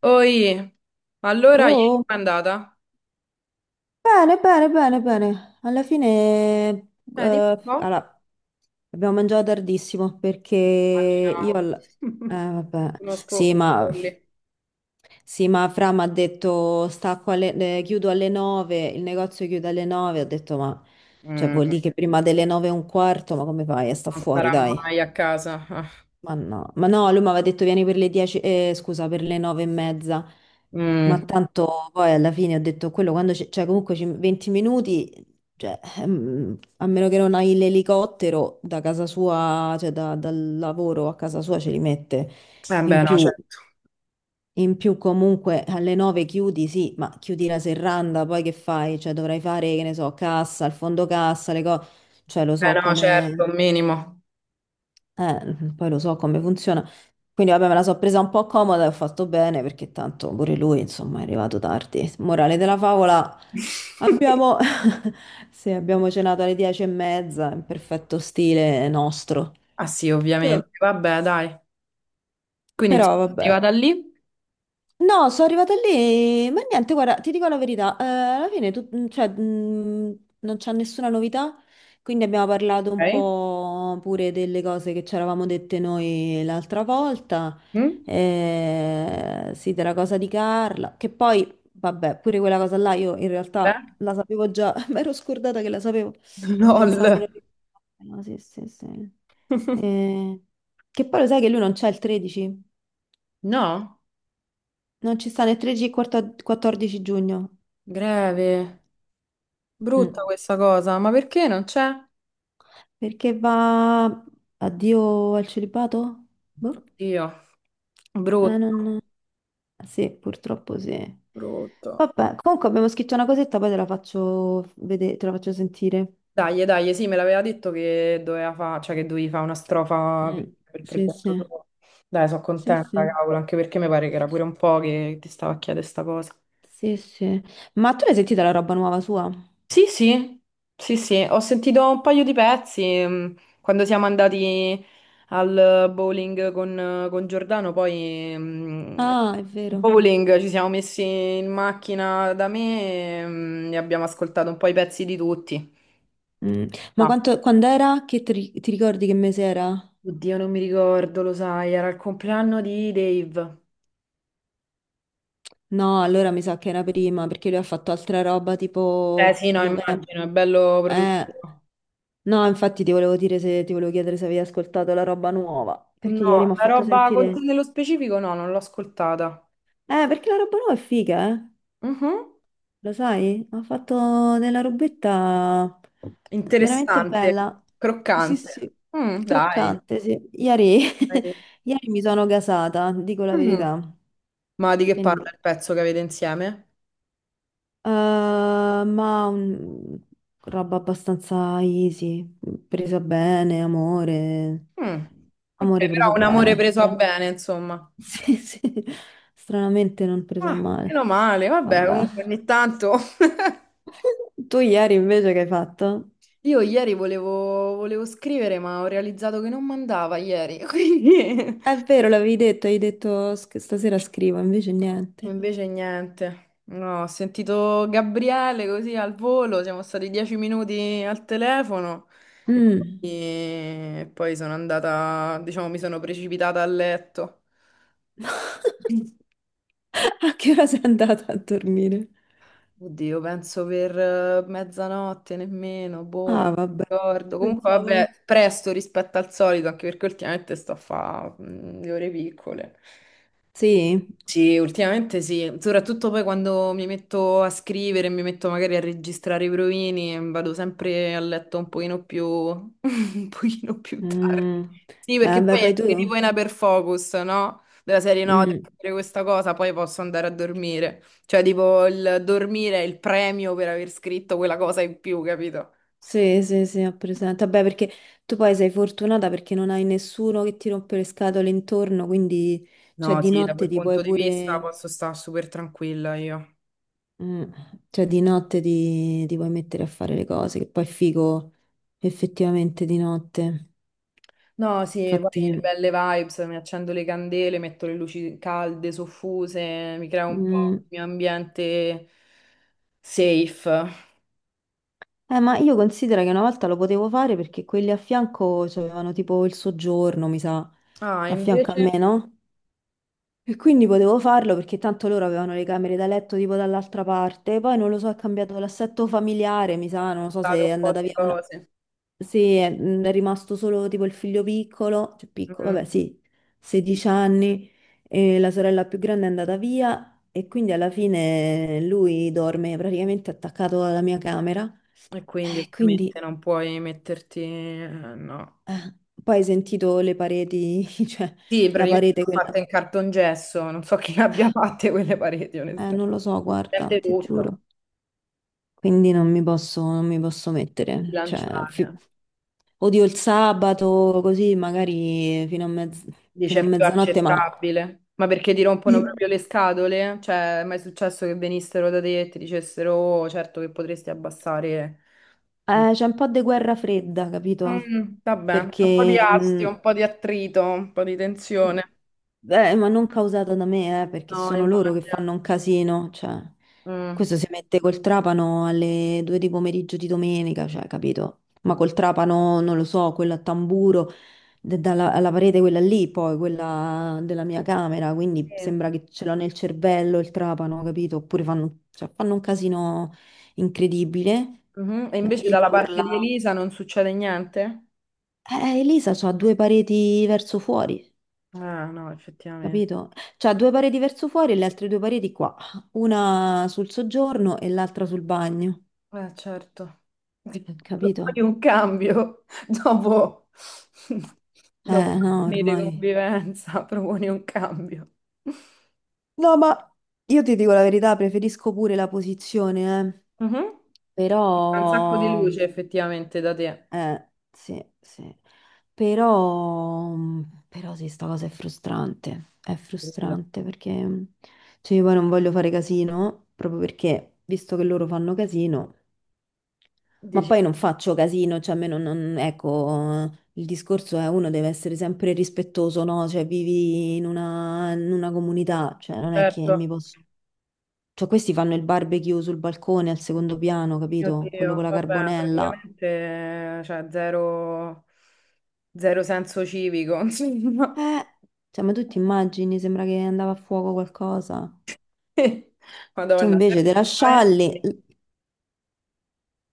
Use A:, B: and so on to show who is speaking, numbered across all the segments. A: Oi, allora ieri
B: Oh,
A: com'è andata?
B: bene, bene, bene, bene. Alla fine,
A: Dimmi un po'.
B: allora, abbiamo mangiato tardissimo perché io...
A: Immaginavo.
B: al- vabbè,
A: Conosco
B: sì,
A: i
B: ma...
A: capelli.
B: Sì, ma Fra mi ha detto, chiudo alle 9, il negozio chiude alle 9, ho detto, ma... Cioè,
A: Mm,
B: vuol dire che prima delle 9 e un quarto, ma come fai? Sta
A: Non
B: fuori,
A: sarà
B: dai.
A: mai a casa. Ah.
B: Ma no, lui mi aveva detto vieni per le 10, scusa, per le 9 e mezza. Ma
A: Mm,
B: tanto poi alla fine ho detto quello quando c'è, cioè comunque 20 minuti, cioè, a meno che non hai l'elicottero da casa sua, cioè dal lavoro a casa sua ce li mette.
A: Eh beh,
B: In
A: no,
B: più, in più comunque alle 9 chiudi, sì, ma chiudi la serranda, poi che fai? Cioè dovrai fare, che ne so, cassa, il fondo cassa, le cose, cioè lo so
A: no, certo,
B: come...
A: un minimo.
B: Eh, poi lo so come funziona. Quindi vabbè, me la so presa un po' comoda e ho fatto bene perché tanto pure lui, insomma, è arrivato tardi. Morale della favola, abbiamo, sì, abbiamo cenato alle 10:30, in perfetto stile nostro.
A: Ah sì,
B: Però,
A: ovviamente. Vabbè, dai. Quindi
B: però
A: insomma, è
B: vabbè,
A: arrivata lì.
B: no, sono arrivata lì, ma niente, guarda, ti dico la verità, alla fine cioè, non c'è nessuna novità, quindi abbiamo parlato un
A: Ok.
B: po' pure delle cose che ci eravamo dette noi l'altra volta,
A: Mm?
B: sì, della cosa di Carla, che poi, vabbè, pure quella cosa là io in
A: Beh.
B: realtà la sapevo già, mi ero scordata che la sapevo, pensavo di
A: LOL.
B: non ricordare, no, sì, sì, sì. Eh, che poi lo sai che lui non c'è il 13?
A: No,
B: Non ci sta né 13 né 14 giugno.
A: greve. Brutta
B: Mm.
A: questa cosa, ma perché non c'è?
B: Perché va addio al celibato? Boh.
A: Oddio, brutto,
B: Non... Sì, purtroppo sì.
A: brutto.
B: Vabbè, comunque abbiamo scritto una cosetta, poi te la faccio vedere, te la faccio sentire.
A: Dai, dai, sì, me l'aveva detto che doveva fa, cioè che dovevi fare una strofa per
B: Mm.
A: per il
B: Sì,
A: progetto
B: sì.
A: tuo. Dai, sono
B: Sì,
A: contenta,
B: sì.
A: cavolo, anche perché mi pare che era pure un po' che ti stava a chiedere sta cosa.
B: Sì, sì. Ma tu l'hai sentita la roba nuova sua?
A: Sì, sì, sì, sì, ho sentito un paio di pezzi quando siamo andati al bowling con Giordano, poi
B: Ah, è vero.
A: bowling ci siamo messi in macchina da me e abbiamo ascoltato un po' i pezzi di tutti.
B: Mm. Ma
A: No,
B: quanto, quando era? Che ti ricordi che mese era?
A: oddio, non mi ricordo, lo sai, era il compleanno di Dave.
B: No, allora mi sa che era prima, perché lui ha fatto altra roba
A: Eh
B: tipo
A: sì, no,
B: novembre.
A: immagino, è bello
B: Eh,
A: produttivo.
B: no, infatti ti volevo dire se ti volevo chiedere se avevi ascoltato la roba nuova, perché ieri
A: No,
B: mi ha
A: la
B: fatto
A: roba con te
B: sentire...
A: nello specifico no, non l'ho ascoltata.
B: Perché la roba nuova è figa, eh?
A: Mhm.
B: Lo sai? Ha fatto della robetta veramente
A: Interessante,
B: bella. Sì,
A: croccante.
B: sì,
A: Dai.
B: croccante, sì. Ieri,
A: Dai.
B: ieri mi sono gasata, dico la
A: Mm.
B: verità.
A: Ma di che parla
B: Quindi,
A: il pezzo che avete insieme?
B: eh, ma un- roba abbastanza easy, presa bene, amore,
A: Mm. Ok,
B: amore
A: però
B: preso
A: un amore
B: bene.
A: preso a bene, insomma.
B: Sì, sì, stranamente non preso a
A: Ah,
B: male.
A: meno male, vabbè,
B: Vabbè.
A: comunque ogni tanto.
B: Tu ieri invece che hai fatto?
A: Io ieri volevo scrivere, ma ho realizzato che non mandava ieri, quindi
B: È vero, l'avevi detto, hai detto stasera scrivo, invece niente.
A: invece niente. No, ho sentito Gabriele così al volo, siamo stati 10 minuti al telefono e poi,
B: Mm.
A: e poi sono andata, diciamo, mi sono precipitata a letto.
B: A che ora sei andata a dormire?
A: Oddio, penso per mezzanotte nemmeno, boh, non
B: Ah, vabbè.
A: ricordo. Comunque
B: Pensavo.
A: vabbè, presto rispetto al solito, anche perché ultimamente sto a fare le ore piccole.
B: Sì.
A: Sì, ultimamente sì, soprattutto poi quando mi metto a scrivere, mi metto magari a registrare i provini, vado sempre a letto un pochino più tardi.
B: Mm.
A: Sì, perché
B: Beh,
A: poi
B: poi tu?
A: scrivo in hyperfocus, no? Della serie no, devo
B: Mm.
A: fare questa cosa, poi posso andare a dormire. Cioè, tipo, il dormire è il premio per aver scritto quella cosa in più, capito?
B: Sì, sì, sì, ho presente. Vabbè, perché tu poi sei fortunata perché non hai nessuno che ti rompe le scatole intorno, quindi cioè,
A: No,
B: di
A: sì, da
B: notte
A: quel
B: ti puoi
A: punto di vista
B: pure...
A: posso stare super tranquilla io.
B: Mm, Cioè di notte ti vuoi mettere a fare le cose, che poi è figo effettivamente di notte.
A: No, sì, poi
B: Infatti,
A: belle vibes, mi accendo le candele, metto le luci calde, soffuse, mi creo un po'
B: mm,
A: il mio ambiente safe.
B: ma io considero che una volta lo potevo fare perché quelli a fianco avevano tipo il soggiorno, mi sa,
A: Ah,
B: a fianco a
A: invece ho
B: me, no? E quindi potevo farlo perché tanto loro avevano le camere da letto tipo dall'altra parte. Poi non lo so, è cambiato l'assetto familiare, mi sa, non lo so se
A: stato
B: è
A: un po'
B: andata
A: di
B: via una...
A: cose.
B: Sì, è rimasto solo tipo il figlio piccolo, cioè piccolo,
A: Mm.
B: vabbè, sì, 16 anni, e la sorella più grande è andata via e quindi alla fine lui dorme praticamente attaccato alla mia camera.
A: E quindi
B: E
A: ovviamente
B: quindi
A: non puoi metterti, no.
B: eh, poi hai sentito le pareti, cioè
A: Sì,
B: la
A: praticamente
B: parete
A: sono fatte
B: quella.
A: in cartongesso, non so chi le abbia fatte quelle pareti,
B: Non
A: onestamente.
B: lo so, guarda,
A: Sente
B: ti
A: tutto,
B: giuro. Quindi non mi posso mettere. Cioè,
A: bilanciare.
B: odio il sabato, così magari fino
A: Dice
B: a
A: è più
B: mezzanotte, ma...
A: accettabile. Ma perché ti rompono proprio le scatole? Cioè, è mai successo che venissero da te e ti dicessero, "Oh, certo che potresti abbassare il."
B: C'è un po' di guerra fredda, capito?
A: Vabbè, c'è un po' di
B: Perché,
A: astio, un po' di attrito, un po' di tensione.
B: ma non causata da me, perché
A: No,
B: sono loro che
A: immagino.
B: fanno un casino, cioè,
A: Mm.
B: questo si mette col trapano alle 2 di pomeriggio di domenica, cioè, capito? Ma
A: No.
B: col trapano, non lo so, quello a tamburo, alla parete quella lì, poi quella della mia camera, quindi
A: Sì.
B: sembra che ce l'ho nel cervello il trapano, capito? Oppure fanno, cioè, fanno un casino incredibile.
A: Mhm. E
B: La
A: invece dalla
B: figlia
A: parte di
B: urlava.
A: Elisa non succede niente?
B: Elisa ha due pareti verso fuori,
A: Ah, no, effettivamente.
B: capito? C'ha due pareti verso fuori e le altre due pareti qua, una sul soggiorno e l'altra sul bagno,
A: Certo. Proponi
B: capito?
A: un cambio dopo, dopo
B: No,
A: anni di
B: ormai.
A: convivenza, proponi un cambio.
B: No, ma io ti dico la verità, preferisco pure la posizione, eh.
A: Mhm. Fa un sacco di
B: Però,
A: luce effettivamente da te.
B: sì, sì. Però, però sì, sta cosa è
A: Credo.
B: frustrante perché, cioè, io poi non voglio fare casino, proprio perché, visto che loro fanno casino... Ma poi
A: Dici,
B: non faccio casino, cioè a me non, ecco, il discorso è uno deve essere sempre rispettoso, no? Cioè vivi in una comunità, cioè non è che
A: certo.
B: mi posso... Cioè questi fanno il barbecue sul balcone al secondo piano,
A: Mio
B: capito? Quello con
A: Dio,
B: la
A: vabbè,
B: carbonella.
A: praticamente cioè, zero, zero senso civico, insomma.
B: Eh, cioè ma tu ti immagini, sembra che andava a fuoco qualcosa. Tu
A: Madonna,
B: invece te la scialli,
A: spaventi,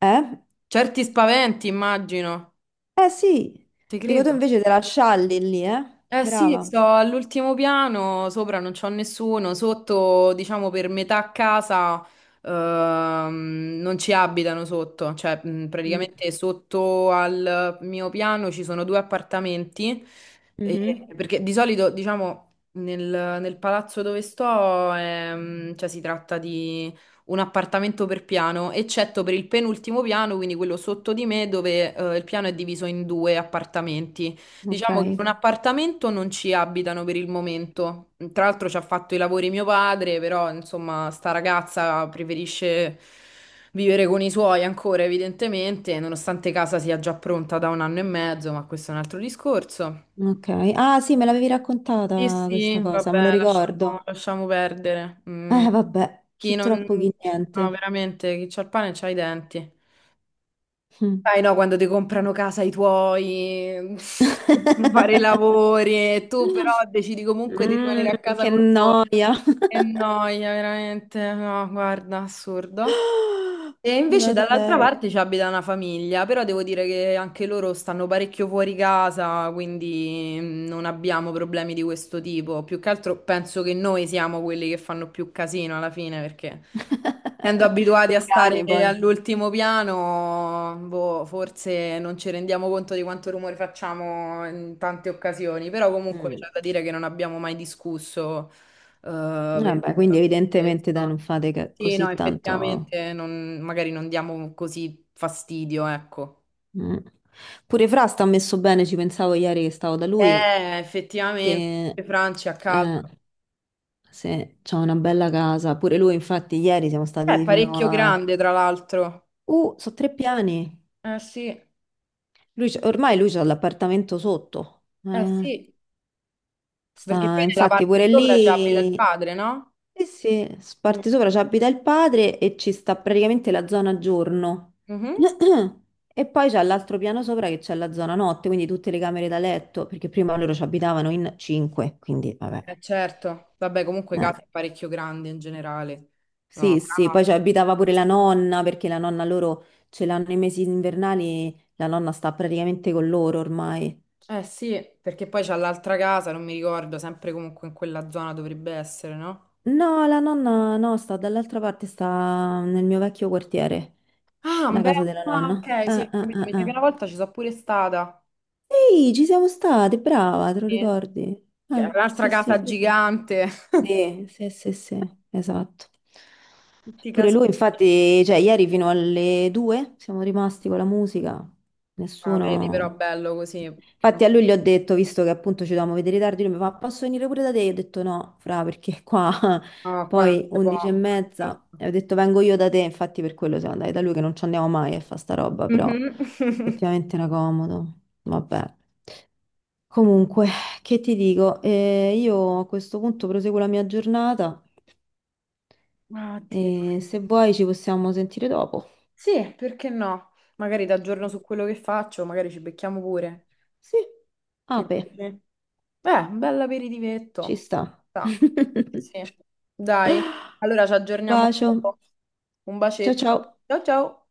B: eh?
A: certi spaventi, immagino.
B: Eh sì,
A: Ti
B: dico tu
A: credo.
B: invece te la scialli lì, eh?
A: Eh sì,
B: Brava.
A: sto all'ultimo piano, sopra non c'ho nessuno, sotto, diciamo, per metà casa non ci abitano sotto, cioè
B: Mm.
A: praticamente sotto al mio piano ci sono due appartamenti, eh,
B: Mhm.
A: perché di solito, diciamo, nel, nel palazzo dove sto, cioè, si tratta di un appartamento per piano, eccetto per il penultimo piano, quindi quello sotto di me, dove il piano è diviso in due appartamenti.
B: Ok.
A: Diciamo che in un appartamento non ci abitano per il momento. Tra l'altro ci ha fatto i lavori mio padre, però insomma sta ragazza preferisce vivere con i suoi ancora, evidentemente, nonostante casa sia già pronta da un anno e mezzo, ma questo è un altro discorso.
B: Ok. Ah, sì, me l'avevi
A: Sì,
B: raccontata
A: sì,
B: questa cosa, me lo
A: vabbè, lasciamo,
B: ricordo.
A: lasciamo perdere. Mm.
B: Vabbè,
A: chi
B: chi
A: non...
B: troppo chi
A: Sì, no,
B: niente.
A: veramente, chi c'ha il pane c'ha i denti.
B: Mm.
A: Sai, no, quando ti comprano casa i tuoi, devono fare i lavori e tu però decidi comunque di rimanere
B: Mm,
A: a casa
B: che
A: con loro.
B: noia.
A: Che noia, veramente. No, guarda, assurdo. E invece
B: Beata
A: dall'altra
B: lei.
A: parte ci abita una famiglia, però devo dire che anche loro stanno parecchio fuori casa, quindi non abbiamo problemi di questo tipo. Più che altro penso che noi siamo quelli che fanno più casino alla fine, perché. Essendo abituati
B: Con
A: a
B: i
A: stare
B: cani poi.
A: all'ultimo piano, boh, forse non ci rendiamo conto di quanto rumore facciamo in tante occasioni, però comunque
B: Mm.
A: c'è da dire che non abbiamo mai discusso per
B: Vabbè, quindi evidentemente dai,
A: questo.
B: non fate
A: Sì, no,
B: così tanto.
A: effettivamente magari non diamo così fastidio, ecco.
B: Mm. Pure Fra sta messo bene, ci pensavo ieri che stavo da lui.
A: Effettivamente,
B: Che
A: Franci a casa.
B: eh, Sì, c'ha una bella casa. Pure lui, infatti, ieri siamo
A: È
B: stati fino
A: parecchio
B: a...
A: grande, tra l'altro.
B: Sono tre piani.
A: Sì, eh
B: Ormai lui c'ha l'appartamento sotto. Eh,
A: sì, perché
B: sta,
A: poi nella
B: infatti,
A: parte
B: pure
A: sopra c'è abita il
B: lì...
A: padre, no?
B: Sì, sì, sparti sopra ci abita il padre e ci sta praticamente la zona giorno.
A: Mhm.
B: E poi c'è l'altro piano sopra che c'è la zona notte, quindi tutte le camere da letto, perché prima loro ci abitavano in cinque, quindi vabbè.
A: Certo, vabbè, comunque
B: Eh.
A: casa è parecchio grande in generale. No,
B: Sì, sì,
A: ah,
B: poi ci abitava pure la nonna, perché la nonna loro ce l'hanno i mesi invernali, la nonna sta praticamente con loro ormai.
A: eh sì, perché poi c'è l'altra casa, non mi ricordo, sempre comunque in quella zona dovrebbe essere, no?
B: No, la nonna no, sta dall'altra parte, sta nel mio vecchio quartiere,
A: Ah,
B: la
A: beh,
B: casa della
A: ah,
B: nonna.
A: ok, sì, ho
B: Ah, ah,
A: capito,
B: ah,
A: mi sa che una
B: ah.
A: volta ci sono pure stata.
B: Ehi, ci siamo state, brava, te lo
A: Sì.
B: ricordi?
A: Che è
B: Ah,
A: l'altra
B: sì, sì, è
A: casa
B: vero.
A: gigante,
B: Sì, sì, sì, sì, esatto.
A: tutti i
B: Pure
A: casi.
B: lui, infatti, cioè, ieri fino alle 2 siamo rimasti con la musica,
A: Ah, vedi, però
B: nessuno...
A: bello così.
B: Infatti a lui gli ho detto, visto che appunto ci dovevamo vedere tardi, lui mi fa, posso venire pure da te? Io ho detto no, fra, perché qua
A: No, qua non
B: poi
A: si può.
B: 11 e mezza,
A: Certo.
B: e ho detto vengo io da te, infatti per quello siamo andati da lui, che non ci andiamo mai a fa sta roba, però
A: Mhm.
B: effettivamente era comodo, vabbè. Comunque, che ti dico, io a questo punto proseguo la mia giornata
A: Ah, Dio.
B: e se vuoi ci possiamo sentire dopo.
A: Sì, perché no? Magari ti aggiorno su quello che faccio, magari ci becchiamo pure.
B: Sì,
A: Che dici?
B: ape,
A: Un bel
B: ci
A: aperitivetto.
B: sta.
A: Sa. Sì. Dai, allora ci aggiorniamo.
B: Bacio.
A: dopo. Un
B: Ciao ciao.
A: bacetto. Ciao ciao.